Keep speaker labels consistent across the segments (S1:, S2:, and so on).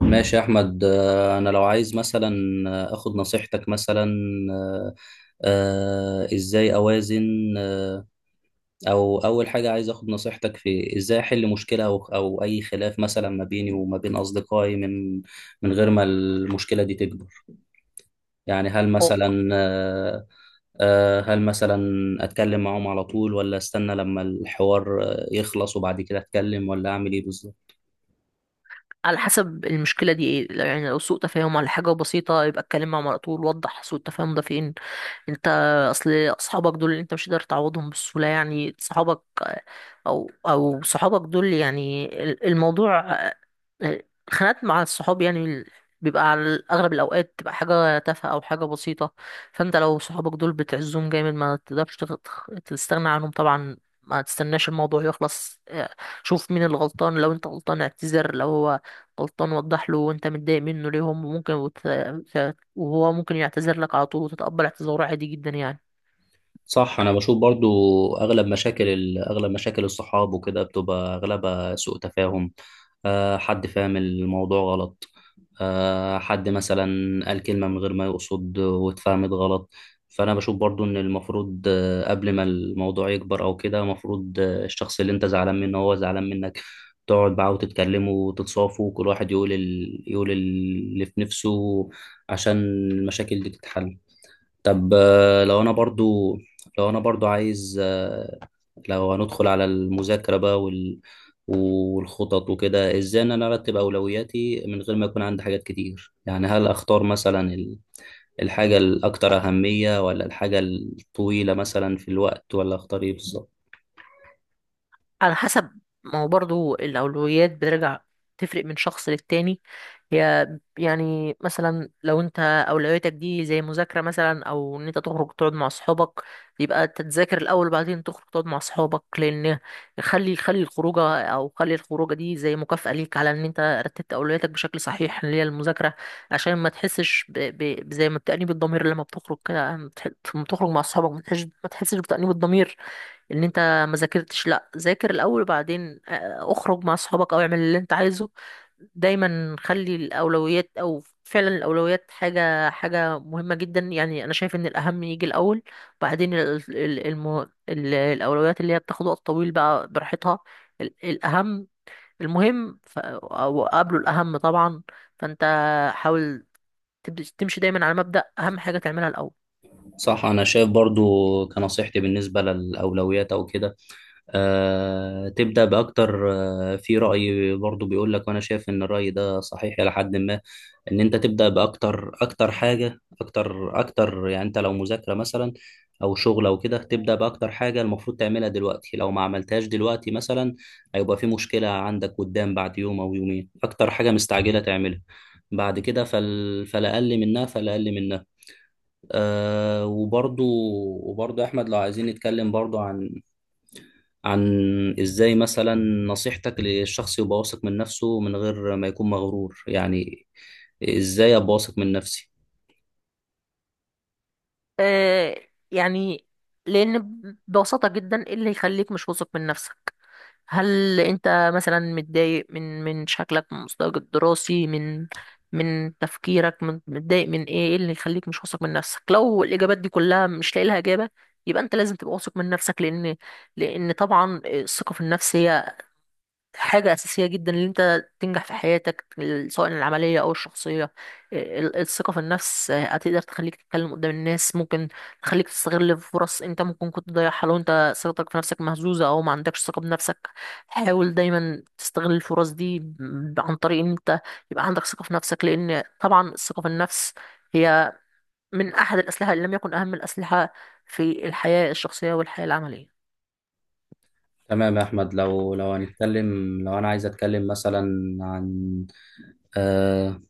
S1: ماشي يا احمد، انا لو عايز مثلا اخد نصيحتك مثلا. آه، ازاي اوازن؟ آه، او اول حاجه عايز اخد نصيحتك في ازاي احل مشكله او اي خلاف مثلا ما بيني وما بين اصدقائي من غير ما المشكله دي تكبر. يعني هل
S2: هو
S1: مثلا هل مثلا اتكلم معاهم على طول ولا استنى لما الحوار يخلص وبعد كده اتكلم ولا اعمل ايه بالظبط؟
S2: على حسب المشكلة دي ايه. يعني لو سوء تفاهم على حاجة بسيطة يبقى اتكلم مع مرة طول، وضح سوء التفاهم ده فين. انت اصل اصحابك دول اللي انت مش قادر تعوضهم بالسهوله، يعني صحابك او صحابك دول، يعني الموضوع، الخناقات مع الصحاب يعني بيبقى على اغلب الاوقات تبقى حاجه تافهه او حاجه بسيطه. فانت لو صحابك دول بتعزهم جامد ما تقدرش تستغنى عنهم طبعا، ما تستناش الموضوع يخلص. شوف مين اللي غلطان، لو انت غلطان اعتذر، لو هو غلطان وضح له وانت متضايق منه ليه. هم ممكن وهو ممكن يعتذر لك على طول وتتقبل اعتذاره عادي جدا يعني.
S1: صح، انا بشوف برضو اغلب مشاكل اغلب مشاكل الصحاب وكده بتبقى اغلبها سوء تفاهم. أه، حد فاهم الموضوع غلط. أه، حد مثلا قال كلمة من غير ما يقصد واتفهمت غلط. فانا بشوف برضو ان المفروض قبل ما الموضوع يكبر او كده، المفروض الشخص اللي انت زعلان منه هو زعلان منك تقعد معاه وتتكلموا وتتصافوا وكل واحد يقول يقول اللي في نفسه عشان المشاكل دي تتحل. طب لو انا برضو عايز لو هندخل على المذاكرة بقى والخطط وكده، ازاي ان انا ارتب اولوياتي من غير ما يكون عندي حاجات كتير؟ يعني هل اختار مثلا الحاجة الاكثر اهمية ولا الحاجة الطويلة مثلا في الوقت، ولا اختار ايه بالظبط؟
S2: على حسب، ما هو برضه الأولويات بترجع تفرق من شخص للتاني. هي يعني مثلا لو انت أولوياتك دي زي مذاكرة مثلا أو إن انت تخرج تقعد مع أصحابك، يبقى تتذاكر الأول وبعدين تخرج تقعد مع أصحابك، لأن خلي الخروجة أو خلي الخروجة دي زي مكافأة ليك على إن أنت رتبت أولوياتك بشكل صحيح اللي هي المذاكرة، عشان ما تحسش زي ما بتأنيب الضمير لما بتخرج كده، لما لما بتخرج مع أصحابك ما تحسش بتأنيب الضمير ان انت ما ذاكرتش. لا، ذاكر الاول وبعدين اخرج مع اصحابك او اعمل اللي انت عايزه. دايما خلي الاولويات، او فعلا الاولويات حاجه، مهمه جدا يعني. انا شايف ان الاهم يجي الاول، بعدين الاولويات اللي هي بتاخد وقت طويل بقى براحتها. ال- الاهم المهم او قبله الاهم طبعا. فانت حاول تمشي دايما على مبدأ اهم حاجه تعملها الاول.
S1: صح، انا شايف برضو كنصيحتي بالنسبه للاولويات او كده تبدا باكتر. في راي برضو بيقول لك، وانا شايف ان الراي ده صحيح الى حد ما، ان انت تبدا باكتر، اكتر حاجه اكتر اكتر. يعني انت لو مذاكره مثلا او شغل او كده تبدا باكتر حاجه المفروض تعملها دلوقتي، لو ما عملتهاش دلوقتي مثلا هيبقى في مشكله عندك قدام بعد يوم او يومين. اكتر حاجه مستعجله تعملها بعد كده، فلا اقل منها. آه، وبرضو احمد، لو عايزين نتكلم برضو عن ازاي مثلا نصيحتك للشخص يبقى واثق من نفسه من غير ما يكون مغرور. يعني ازاي ابقى واثق من نفسي؟
S2: يعني لأن ببساطة جدا إيه اللي يخليك مش واثق من نفسك؟ هل أنت مثلا متضايق من شكلك، من مستواك الدراسي، من من تفكيرك، من، متضايق من إيه؟ إيه اللي يخليك مش واثق من نفسك؟ لو الإجابات دي كلها مش لاقي لها إجابة، يبقى أنت لازم تبقى واثق من نفسك. لأن طبعا الثقة في النفس هي حاجة أساسية جدا إن أنت تنجح في حياتك، سواء العملية أو الشخصية. الثقة في النفس هتقدر تخليك تتكلم قدام الناس، ممكن تخليك تستغل فرص أنت ممكن كنت تضيعها لو أنت ثقتك في نفسك مهزوزة أو ما عندكش ثقة بنفسك. حاول دايما تستغل الفرص دي عن طريق إن أنت يبقى عندك ثقة في نفسك، لأن طبعا الثقة في النفس هي من أحد الأسلحة إن لم يكن أهم الأسلحة في الحياة الشخصية والحياة العملية.
S1: تمام يا احمد، لو هنتكلم، لو انا عايز اتكلم مثلا عن آه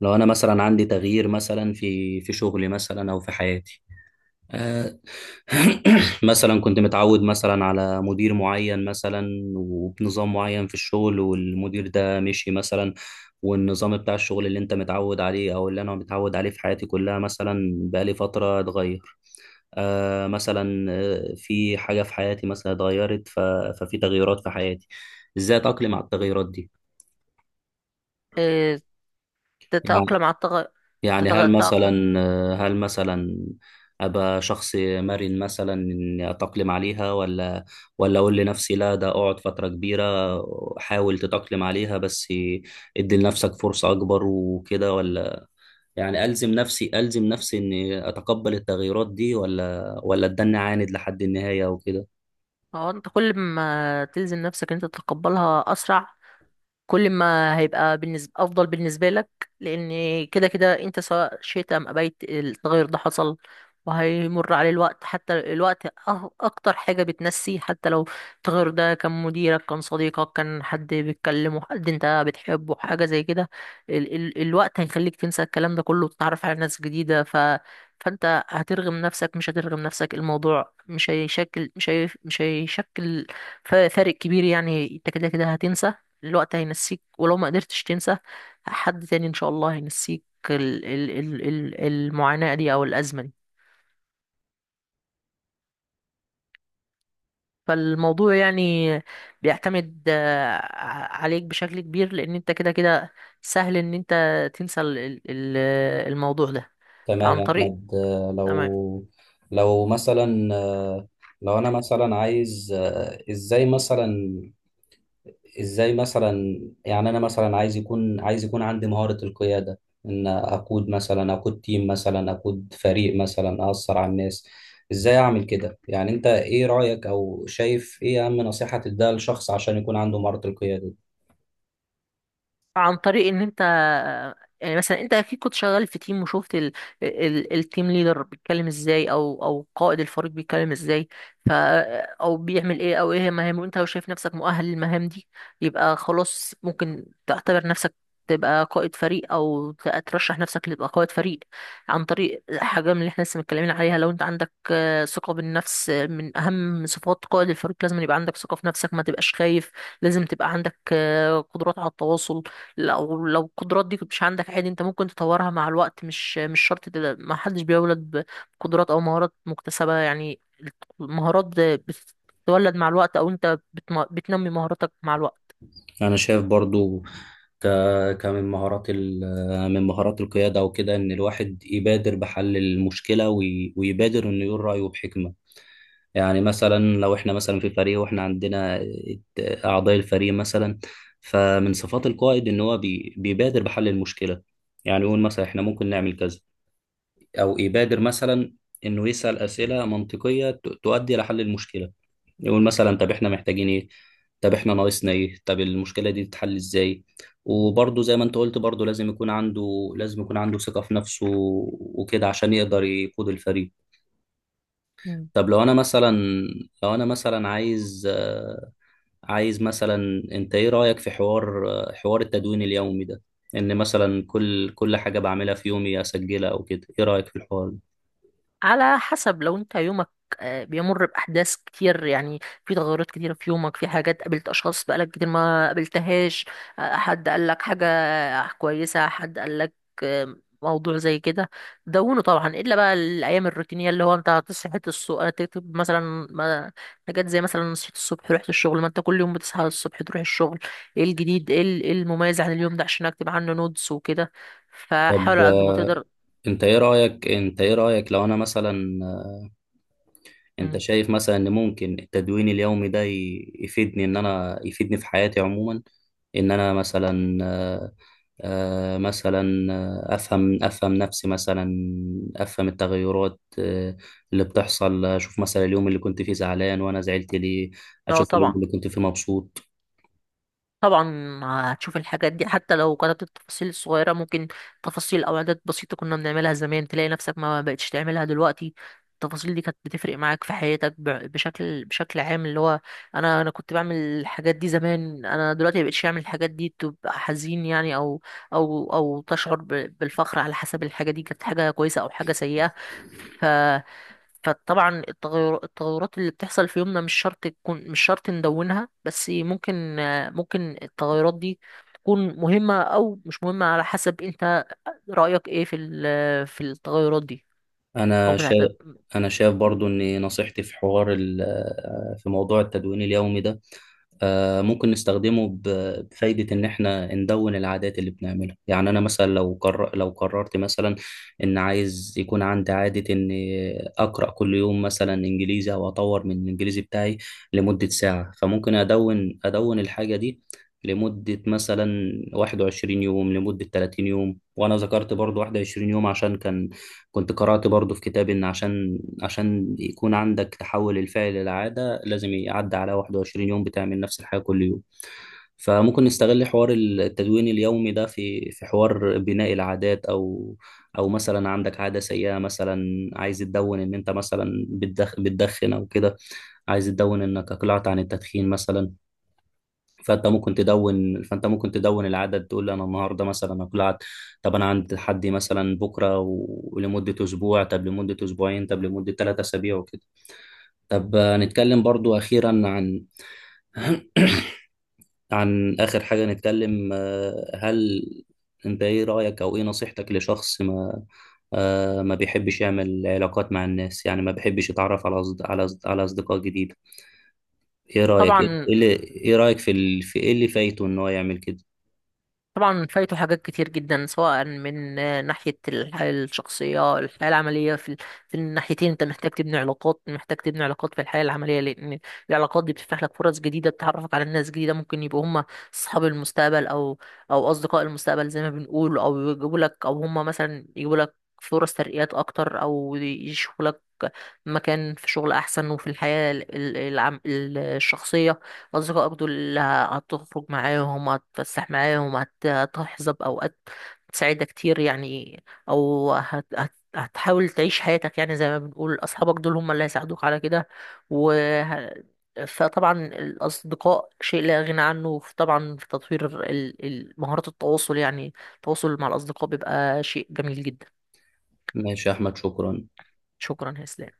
S1: لو انا مثلا عندي تغيير مثلا في شغلي مثلا او في حياتي. مثلا كنت متعود مثلا على مدير معين مثلا وبنظام معين في الشغل، والمدير ده مشي مثلا، والنظام بتاع الشغل اللي انت متعود عليه او اللي انا متعود عليه في حياتي كلها مثلا بقالي فترة اتغير. آه، مثلا في حاجة في حياتي مثلا اتغيرت، ففي تغيرات في حياتي. ازاي اتأقلم على التغيرات دي؟
S2: إيه،
S1: يعني
S2: تتأقلم على التغير؟
S1: يعني
S2: تتأقلم.
S1: هل مثلا أبقى شخص مرن مثلا إني أتأقلم عليها، ولا أقول لنفسي لا ده أقعد فترة كبيرة حاول تتأقلم عليها بس إدي لنفسك فرصة أكبر وكده، ولا يعني ألزم نفسي إني أتقبل التغييرات دي، ولا أتدنى عاند لحد النهاية وكده؟
S2: هو انت كل ما تلزم نفسك انت تتقبلها اسرع، كل ما هيبقى بالنسبة أفضل بالنسبة لك، لأن كده كده أنت سواء شئت أم أبيت التغير ده حصل، وهيمر عليه الوقت. حتى الوقت أكتر حاجة بتنسي. حتى لو التغير ده كان مديرك، كان صديقك، كان حد بتكلمه، حد أنت بتحبه، حاجة زي كده، ال ال الوقت هيخليك تنسى الكلام ده كله وتتعرف على ناس جديدة. فأنت هترغم نفسك مش هترغم نفسك. الموضوع مش هيشكل فارق كبير يعني. أنت كده كده هتنسى، الوقت هينسيك، ولو ما قدرتش تنسى حد تاني ان شاء الله هينسيك ال ال ال ال المعاناة دي او الازمة دي. فالموضوع يعني بيعتمد عليك بشكل كبير، لان انت كده كده سهل ان انت تنسى الموضوع ده.
S1: تمام
S2: عن
S1: يا
S2: طريق،
S1: أحمد،
S2: تمام.
S1: لو مثلا لو أنا مثلا عايز إزاي مثلا، ازاي مثلا يعني انا مثلا عايز يكون عندي مهارة القيادة، ان اقود مثلا، اقود تيم مثلا، اقود فريق مثلا، اثر على الناس. ازاي اعمل كده؟ يعني انت ايه رأيك، او شايف ايه اهم نصيحة تديها لشخص عشان يكون عنده مهارة القيادة دي؟
S2: عن طريق ان انت، يعني مثلا انت اكيد كنت شغال في تيم وشفت التيم ليدر بيتكلم ازاي، او قائد الفريق بيتكلم ازاي. ف او بيعمل ايه، او ايه مهامه. انت لو شايف نفسك مؤهل للمهام دي يبقى خلاص، ممكن تعتبر نفسك تبقى قائد فريق، او ترشح نفسك لتبقى قائد فريق، عن طريق حاجه من اللي احنا لسه متكلمين عليها. لو انت عندك ثقه بالنفس، من اهم صفات قائد الفريق لازم يبقى عندك ثقه في نفسك، ما تبقاش خايف. لازم تبقى عندك قدرات على التواصل. لو القدرات دي مش عندك عادي، انت ممكن تطورها مع الوقت، مش شرط تبقى-، ما حدش بيولد بقدرات او مهارات مكتسبة يعني. المهارات بتتولد مع الوقت، او انت بتنمي مهاراتك مع الوقت.
S1: انا شايف برضو ك كمن مهارات من مهارات القيادة وكده ان الواحد يبادر بحل المشكلة، ويبادر انه يقول رأيه بحكمة. يعني مثلا لو احنا مثلا في فريق واحنا عندنا اعضاء الفريق مثلا، فمن صفات القائد ان هو بيبادر بحل المشكله. يعني يقول مثلا احنا ممكن نعمل كذا، او يبادر مثلا انه يسال اسئله منطقيه تؤدي لحل المشكله. يقول مثلا طب احنا محتاجين ايه، طب احنا ناقصنا ايه، طب المشكله دي تتحل ازاي؟ وبرضه زي ما انت قلت برضه لازم يكون عنده ثقه في نفسه وكده عشان يقدر يقود الفريق. طب لو انا مثلا عايز عايز مثلا، انت ايه رأيك في حوار حوار التدوين اليومي ده؟ ان مثلا كل حاجة بعملها في يومي اسجلها او كده، ايه رأيك في الحوار ده؟
S2: على حسب، لو انت يومك بيمر بأحداث كتير يعني، في تغيرات كتيرة في يومك، في حاجات، قابلت أشخاص بقالك كتير ما قابلتهاش، حد قالك حاجة كويسة، حد قالك آه، موضوع زي كده، دونه طبعا. إلا بقى الأيام الروتينية اللي هو انت هتصحى الصبح تكتب مثلا ما- حاجات زي مثلا صحيت الصبح رحت الشغل، ما انت كل يوم بتصحى الصبح تروح الشغل. ايه الجديد، ايه إيه المميز عن اليوم ده عشان أكتب عنه نوتس وكده. فحاول
S1: طب
S2: على قد ما تقدر.
S1: انت ايه رأيك لو انا مثلا، انت
S2: مم.
S1: شايف مثلا ان ممكن التدوين اليومي ده يفيدني؟ ان انا يفيدني في حياتي عموما؟ ان انا مثلا مثلا افهم نفسي مثلا، افهم التغيرات اللي بتحصل، اشوف مثلا اليوم اللي كنت فيه زعلان وانا زعلت ليه،
S2: اه
S1: اشوف اليوم
S2: طبعا،
S1: اللي كنت فيه مبسوط.
S2: طبعا هتشوف الحاجات دي. حتى لو كانت التفاصيل الصغيرة، ممكن تفاصيل أو عادات بسيطة كنا بنعملها زمان تلاقي نفسك ما بقتش تعملها دلوقتي، التفاصيل دي كانت بتفرق معاك في حياتك بشكل عام، اللي هو أنا كنت بعمل الحاجات دي زمان، أنا دلوقتي مبقتش أعمل الحاجات دي، تبقى حزين يعني، أو تشعر بالفخر، على حسب الحاجة دي كانت حاجة كويسة أو حاجة سيئة. فطبعا التغيرات اللي بتحصل في يومنا مش شرط تكون، مش شرط ندونها، بس ممكن التغيرات دي تكون مهمة أو مش مهمة على حسب أنت رأيك إيه في في التغيرات دي، أو
S1: انا
S2: بتعتبر.
S1: شايف انا شايف برضو ان نصيحتي في حوار في موضوع التدوين اليومي ده ممكن نستخدمه بفايدة، إن إحنا ندون العادات اللي بنعملها. يعني أنا مثلا لو قررت مثلا إن عايز يكون عندي عادة إن أقرأ كل يوم مثلا إنجليزي أو أطور من الإنجليزي بتاعي لمدة ساعة. فممكن أدون الحاجة دي لمدة مثلا 21 يوم، لمدة 30 يوم. وأنا ذكرت برضو 21 يوم عشان كان كنت قرأت برضو في كتاب إن عشان يكون عندك تحول الفعل للعادة لازم يعدي على 21 يوم بتعمل نفس الحاجة كل يوم. فممكن نستغل حوار التدوين اليومي ده في حوار بناء العادات، أو مثلا عندك عادة سيئة، مثلا عايز تدون إن أنت مثلا بتدخن أو كده، عايز تدون إنك أقلعت عن التدخين مثلا. فانت ممكن تدون العدد، تقول لي انا النهارده مثلا هاكل عدد. طب انا عند حدي مثلا بكره ولمده اسبوع، طب لمده اسبوعين، طب لمده ثلاثة اسابيع وكده. طب نتكلم برضو اخيرا عن اخر حاجه نتكلم هل انت ايه رايك، او ايه نصيحتك لشخص ما ما بيحبش يعمل علاقات مع الناس؟ يعني ما بيحبش يتعرف على على اصدقاء جديده. ايه رايك، ايه
S2: طبعا،
S1: إيه اللي ايه رايك في في ايه اللي فايته ان هو يعمل كده؟
S2: طبعا فايته حاجات كتير جدا، سواء من ناحية الحياة الشخصية، الحياة العملية. في في الناحيتين انت محتاج تبني علاقات، محتاج تبني علاقات في الحياة العملية، لأن العلاقات دي بتفتح لك فرص جديدة، بتعرفك على ناس جديدة ممكن يبقوا هم أصحاب المستقبل، أو أو أصدقاء المستقبل زي ما بنقول، أو يجيبوا لك، أو هم مثلا يجيبوا لك فرص ترقيات أكتر، أو يشوفوا لك مكان في شغل أحسن. وفي الحياة الشخصية، أصدقائك دول اللي هتخرج معاهم، هتتفسح معاهم، هتحظى بأوقات سعيدة كتير يعني، أو هتحاول تعيش حياتك يعني زي ما بنقول، أصحابك دول هم اللي هيساعدوك على كده. و فطبعا الأصدقاء شيء لا غنى عنه طبعا في تطوير مهارات التواصل، يعني التواصل مع الأصدقاء بيبقى شيء جميل جدا.
S1: ماشي يا احمد، شكرا.
S2: شكرا يا إسلام.